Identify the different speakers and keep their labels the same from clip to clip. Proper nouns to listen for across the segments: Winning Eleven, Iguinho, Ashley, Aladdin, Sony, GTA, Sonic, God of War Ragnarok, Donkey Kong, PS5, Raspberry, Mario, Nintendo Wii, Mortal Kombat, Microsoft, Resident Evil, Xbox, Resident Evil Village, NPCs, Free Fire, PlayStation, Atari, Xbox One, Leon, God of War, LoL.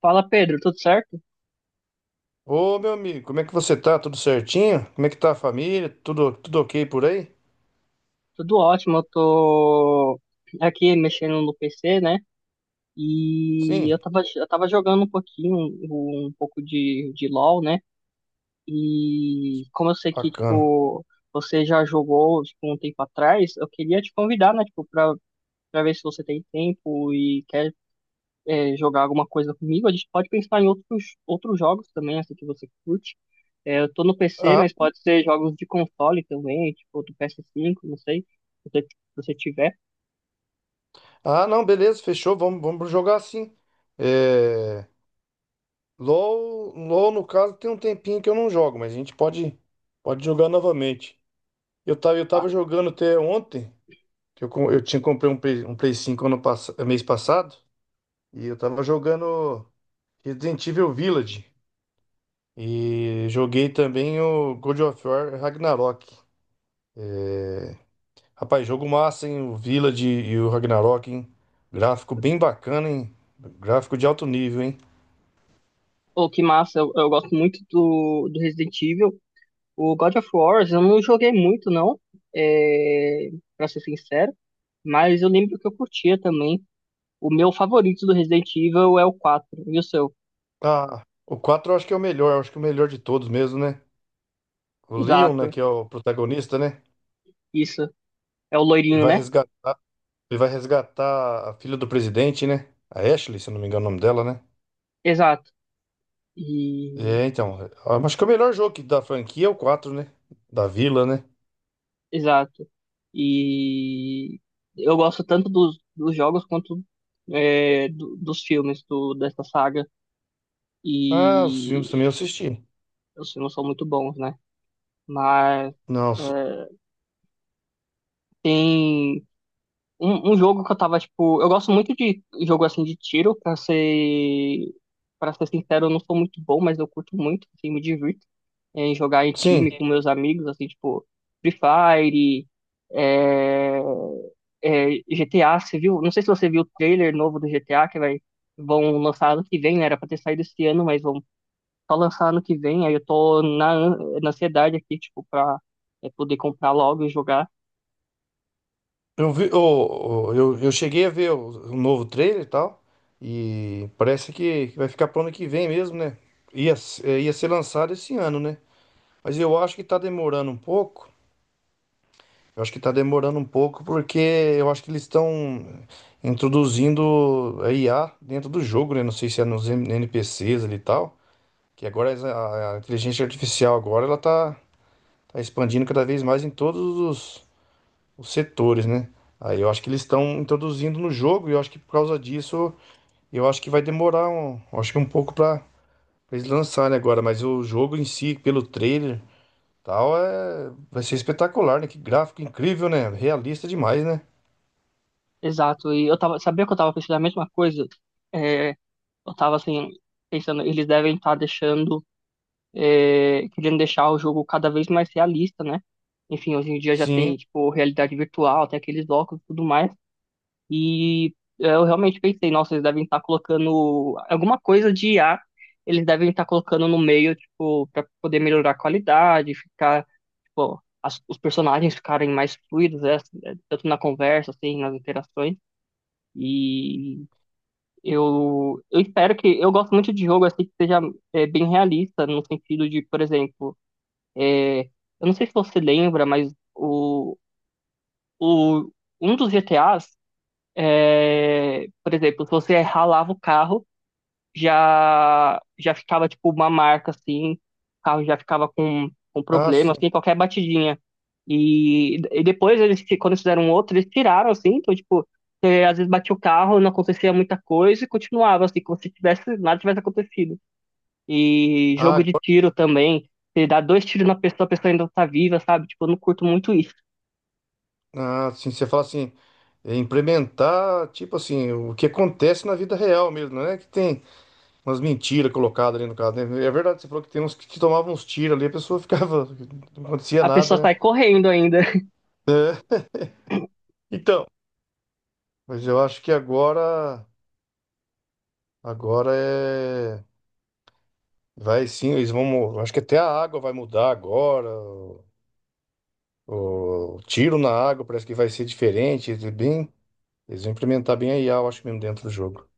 Speaker 1: Fala, Pedro, tudo certo?
Speaker 2: Ô, meu amigo, como é que você tá? Tudo certinho? Como é que tá a família? Tudo ok por aí?
Speaker 1: Tudo ótimo, eu tô aqui mexendo no PC, né? E eu
Speaker 2: Sim,
Speaker 1: tava, eu tava jogando um pouquinho, um pouco de LoL, né? E como eu sei que,
Speaker 2: bacana.
Speaker 1: tipo, você já jogou, tipo, um tempo atrás, eu queria te convidar, né? Tipo, pra ver se você tem tempo e quer jogar alguma coisa comigo. A gente pode pensar em outros, outros jogos também, assim, que você curte. É, eu tô no PC,
Speaker 2: Ah,
Speaker 1: mas pode ser jogos de console também, tipo do PS5, não sei, se você, se você tiver.
Speaker 2: ah, não, beleza, fechou. Vamos jogar sim. É, LOL, no caso, tem um tempinho que eu não jogo, mas a gente pode jogar novamente. Eu tava, eu
Speaker 1: Ah,
Speaker 2: tava jogando até ontem, que eu tinha comprei um Play 5 mês passado, e eu tava jogando Resident Evil Village. E joguei também o God of War Ragnarok. Rapaz, jogo massa, hein? O Village e o Ragnarok, hein? Gráfico bem bacana, hein? Gráfico de alto nível, hein?
Speaker 1: oh, que massa, eu gosto muito do, do Resident Evil. O God of War, eu não joguei muito, não, é, pra ser sincero, mas eu lembro que eu curtia também. O meu favorito do Resident Evil é o quatro, e o seu?
Speaker 2: Ah, o quatro eu acho que é o melhor, eu acho que é o melhor de todos mesmo, né? O Leon, né,
Speaker 1: Exato,
Speaker 2: que é o protagonista, né?
Speaker 1: isso. É o
Speaker 2: Ele
Speaker 1: loirinho,
Speaker 2: vai
Speaker 1: né?
Speaker 2: resgatar, ele vai resgatar a filha do presidente, né? A Ashley, se eu não me engano o nome dela, né?
Speaker 1: Exato. E
Speaker 2: É, então, eu acho que é o melhor jogo que- da franquia é o 4, né? Da Vila, né?
Speaker 1: exato. E eu gosto tanto dos, dos jogos quanto dos filmes do, dessa saga.
Speaker 2: Ah, os
Speaker 1: E
Speaker 2: filmes também eu assisti.
Speaker 1: os filmes são muito bons, né? Mas
Speaker 2: Não,
Speaker 1: é,
Speaker 2: s-
Speaker 1: tem um jogo que eu tava, tipo. Eu gosto muito de jogo assim de tiro, pra ser. Pra ser sincero, eu não sou muito bom, mas eu curto muito, assim, me divirto em jogar em
Speaker 2: sim.
Speaker 1: time com meus amigos, assim, tipo, Free Fire. É, GTA, você viu? Não sei se você viu o trailer novo do GTA que vai vão lançar ano que vem, né? Era pra ter saído esse ano, mas vão só lançar ano que vem. Aí eu tô na, na ansiedade aqui, tipo, pra poder comprar logo e jogar.
Speaker 2: Eu vi, eu cheguei a ver o novo trailer e tal, e parece que vai ficar pro ano que vem mesmo, né? Ia ser lançado esse ano, né? Mas eu acho que tá demorando um pouco. Eu acho que tá demorando um pouco porque eu acho que eles estão introduzindo a IA dentro do jogo, né? Não sei se é NPCs ali e tal, que agora a inteligência artificial agora ela tá expandindo cada vez mais em todos os setores, né? Aí eu acho que eles estão introduzindo no jogo e eu acho que por causa disso, eu acho que vai demorar acho que um pouco para eles lançarem agora, mas o jogo em si, pelo trailer, tal, é vai ser espetacular, né? Que gráfico incrível, né? Realista demais, né?
Speaker 1: Exato. E eu tava, sabia que eu tava pensando a mesma coisa? É, eu tava assim, pensando, eles devem estar deixando, querendo deixar o jogo cada vez mais realista, né? Enfim, hoje em dia já
Speaker 2: Sim.
Speaker 1: tem, tipo, realidade virtual, tem aqueles óculos e tudo mais. E eu realmente pensei, nossa, eles devem estar colocando alguma coisa de IA eles devem estar colocando no meio, tipo, para poder melhorar a qualidade, ficar, tipo, os personagens ficarem mais fluidos, né, assim, tanto na conversa, assim, nas interações. E eu espero que. Eu gosto muito de jogo, assim, que seja bem realista, no sentido de, por exemplo, eu não sei se você lembra, mas o, um dos GTAs. É, por exemplo, se você ralava o carro, já já ficava tipo uma marca assim, o carro já ficava com
Speaker 2: Ah,
Speaker 1: problema,
Speaker 2: sim.
Speaker 1: assim, qualquer batidinha. E depois eles, quando eles fizeram um outro, eles tiraram assim, então tipo, você, às vezes batia o carro, não acontecia muita coisa e continuava assim, como se tivesse nada tivesse acontecido. E
Speaker 2: Ah,
Speaker 1: jogo de
Speaker 2: agora,
Speaker 1: tiro também, você dá dois tiros na pessoa, a pessoa ainda tá viva, sabe? Tipo, eu não curto muito isso.
Speaker 2: ah, sim, você fala assim, é, implementar, tipo assim, o que acontece na vida real mesmo, não é que tem umas mentiras colocadas ali no caso, né? É verdade, você falou que tem uns que tomavam uns tiros ali, a pessoa ficava, não acontecia
Speaker 1: A pessoa
Speaker 2: nada, né?
Speaker 1: sai correndo ainda.
Speaker 2: Então, mas eu acho que agora, agora é, vai sim, eles vão, acho que até a água vai mudar agora, o tiro na água parece que vai ser diferente, eles bem, eles vão implementar bem a IA, eu acho mesmo dentro do jogo.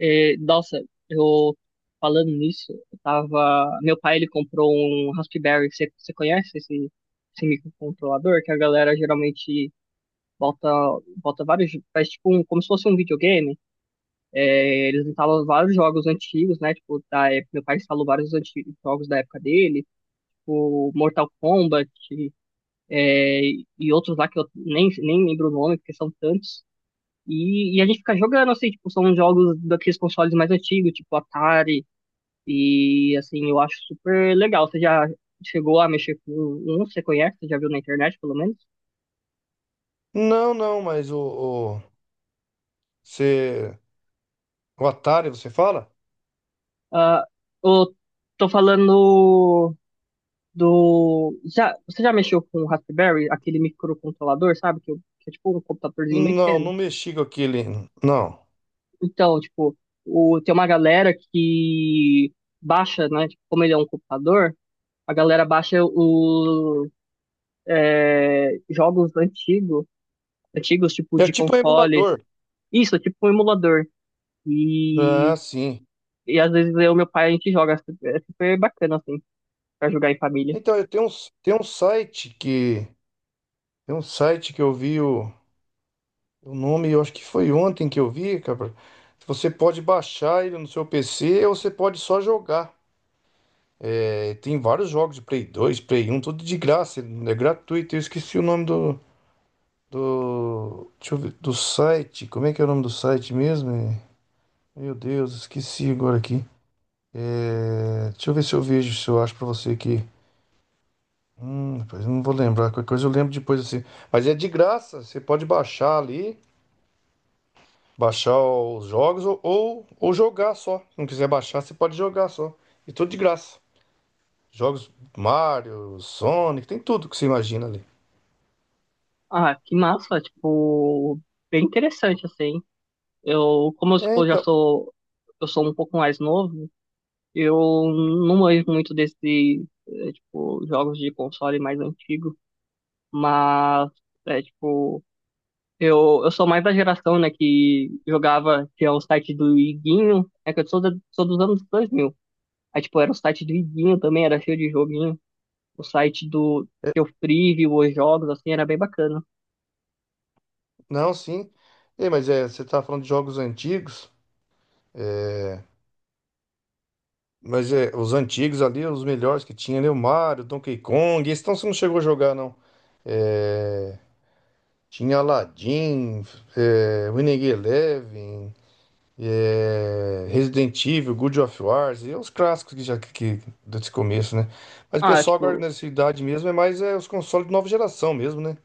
Speaker 1: É, nossa, eu falando nisso, eu tava. Meu pai ele comprou um Raspberry. Você conhece esse, esse microcontrolador? Que a galera geralmente bota, bota vários. Faz tipo um, como se fosse um videogame. É, eles instalam vários jogos antigos, né? Tipo, da época, meu pai instalou vários antigos, jogos da época dele, o Mortal Kombat é, e outros lá que eu nem, nem lembro o nome, porque são tantos. E a gente fica jogando, assim, tipo, são jogos daqueles consoles mais antigos, tipo Atari. E assim, eu acho super legal. Você já chegou a mexer com um? Você conhece? Você já viu na internet, pelo menos?
Speaker 2: Não, não, mas o, você, o Atari, você fala?
Speaker 1: Ah, eu tô falando do. Já, você já mexeu com o Raspberry, aquele microcontrolador, sabe? Que é tipo um computadorzinho bem
Speaker 2: Não,
Speaker 1: pequeno.
Speaker 2: não mexi com aquele, não.
Speaker 1: Então, tipo, o, tem uma galera que baixa, né? Tipo, como ele é um computador, a galera baixa os jogos antigos, antigos, tipo,
Speaker 2: É
Speaker 1: de
Speaker 2: tipo um
Speaker 1: consoles.
Speaker 2: emulador.
Speaker 1: Isso, é tipo um emulador.
Speaker 2: Ah,
Speaker 1: E,
Speaker 2: sim.
Speaker 1: e às vezes eu e meu pai a gente joga, é super, é super bacana, assim, pra jogar em família.
Speaker 2: Então, tem um tem um site que eu vi o. O nome, eu acho que foi ontem que eu vi, cara. Você pode baixar ele no seu PC ou você pode só jogar. É, tem vários jogos de Play 2 Play um tudo de graça, é gratuito. Eu esqueci o nome deixa eu ver, do site. Como é que é o nome do site mesmo? É, Meu Deus, esqueci agora aqui. É, deixa eu ver se eu vejo, se eu acho pra você aqui. Rapaz, eu não vou lembrar, qualquer coisa eu lembro depois assim. Mas é de graça, você pode baixar ali. Baixar os jogos ou jogar só. Se não quiser baixar, você pode jogar só. E tudo de graça. Jogos Mario, Sonic, tem tudo que você imagina ali.
Speaker 1: Ah, que massa, tipo, bem interessante, assim. Eu, como eu,
Speaker 2: É,
Speaker 1: tipo, já
Speaker 2: então.
Speaker 1: sou, eu sou um pouco mais novo, eu não manjo muito desse, é, tipo, jogos de console mais antigo, mas, é, tipo, eu sou mais da geração, né, que jogava, tinha o site do Iguinho. É que eu sou da, sou dos anos 2000. Aí, tipo, era o site do Iguinho também, era cheio de joguinho. O site do que eu preview os jogos, assim, era bem bacana.
Speaker 2: Não, sim. Você tá falando de jogos antigos. Mas é, os antigos ali, os melhores que tinha ali, o Mario, Donkey Kong. Esse então você não chegou a jogar, não. É, tinha Aladdin, é, Winning Eleven, é, Resident Evil, God of Wars, e os clássicos que desse começo, né? Mas o
Speaker 1: Ah,
Speaker 2: pessoal agora
Speaker 1: tipo,
Speaker 2: nessa idade mesmo é mais é, os consoles de nova geração mesmo, né?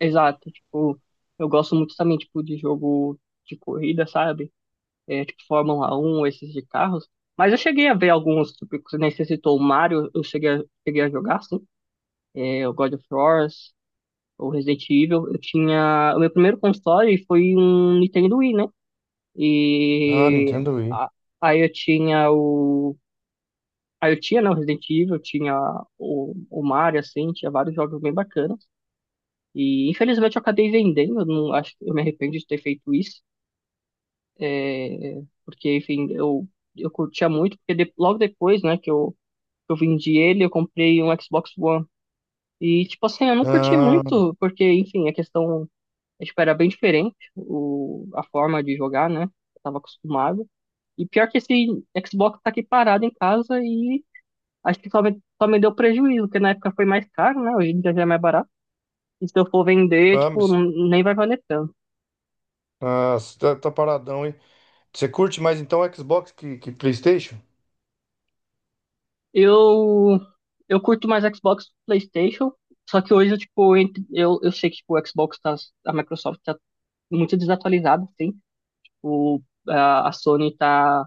Speaker 1: exato, tipo, eu gosto muito também, tipo, de jogo de corrida, sabe? É, tipo, Fórmula um, esses de carros. Mas eu cheguei a ver alguns, tipo, que você nem você citou o Mario, eu cheguei a, cheguei a jogar, sim. É, o God of War, o Resident Evil. Eu tinha... O meu primeiro console foi um Nintendo Wii, né?
Speaker 2: Ah,
Speaker 1: E...
Speaker 2: Nintendo Wii.
Speaker 1: a- aí eu tinha o, aí eu tinha, né, o Resident Evil, tinha o Mario, assim, tinha vários jogos bem bacanas. E infelizmente eu acabei vendendo. Eu não, acho, eu me arrependo de ter feito isso, é, porque, enfim, eu curtia muito, porque logo depois, né, que que eu vendi ele, eu comprei um Xbox One. E, tipo assim, eu não curti
Speaker 2: Ah,
Speaker 1: muito, porque, enfim, a questão, é, tipo, era bem diferente, o, a forma de jogar, né, eu tava acostumado. E pior que esse Xbox tá aqui parado em casa e acho que só me deu prejuízo, porque na época foi mais caro, né? Hoje em dia já é mais barato. E se eu for vender,
Speaker 2: ah,
Speaker 1: tipo,
Speaker 2: mas
Speaker 1: nem vai valer tanto.
Speaker 2: ah, você tá, tá paradão, hein? Você curte mais então Xbox que PlayStation?
Speaker 1: Eu, eu curto mais Xbox, PlayStation, só que hoje, tipo, eu sei que tipo, o Xbox tá, a Microsoft tá muito desatualizada, assim. O, a Sony tá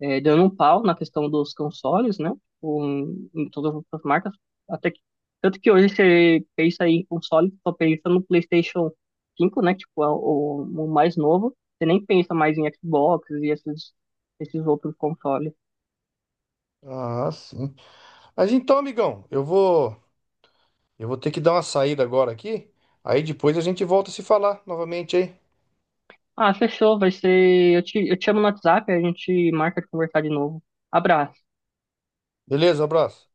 Speaker 1: dando um pau na questão dos consoles, né? Tipo, em, em todas as marcas. Até que, tanto que hoje você pensa em console, só pensa no PlayStation 5, né? Tipo, é o mais novo. Você nem pensa mais em Xbox e esses, esses outros consoles.
Speaker 2: Ah, sim. Mas então, amigão, eu vou ter que dar uma saída agora aqui. Aí depois a gente volta a se falar novamente, hein?
Speaker 1: Ah, fechou, vai ser. Eu te chamo no WhatsApp, a gente marca de conversar de novo. Abraço.
Speaker 2: Beleza, abraço.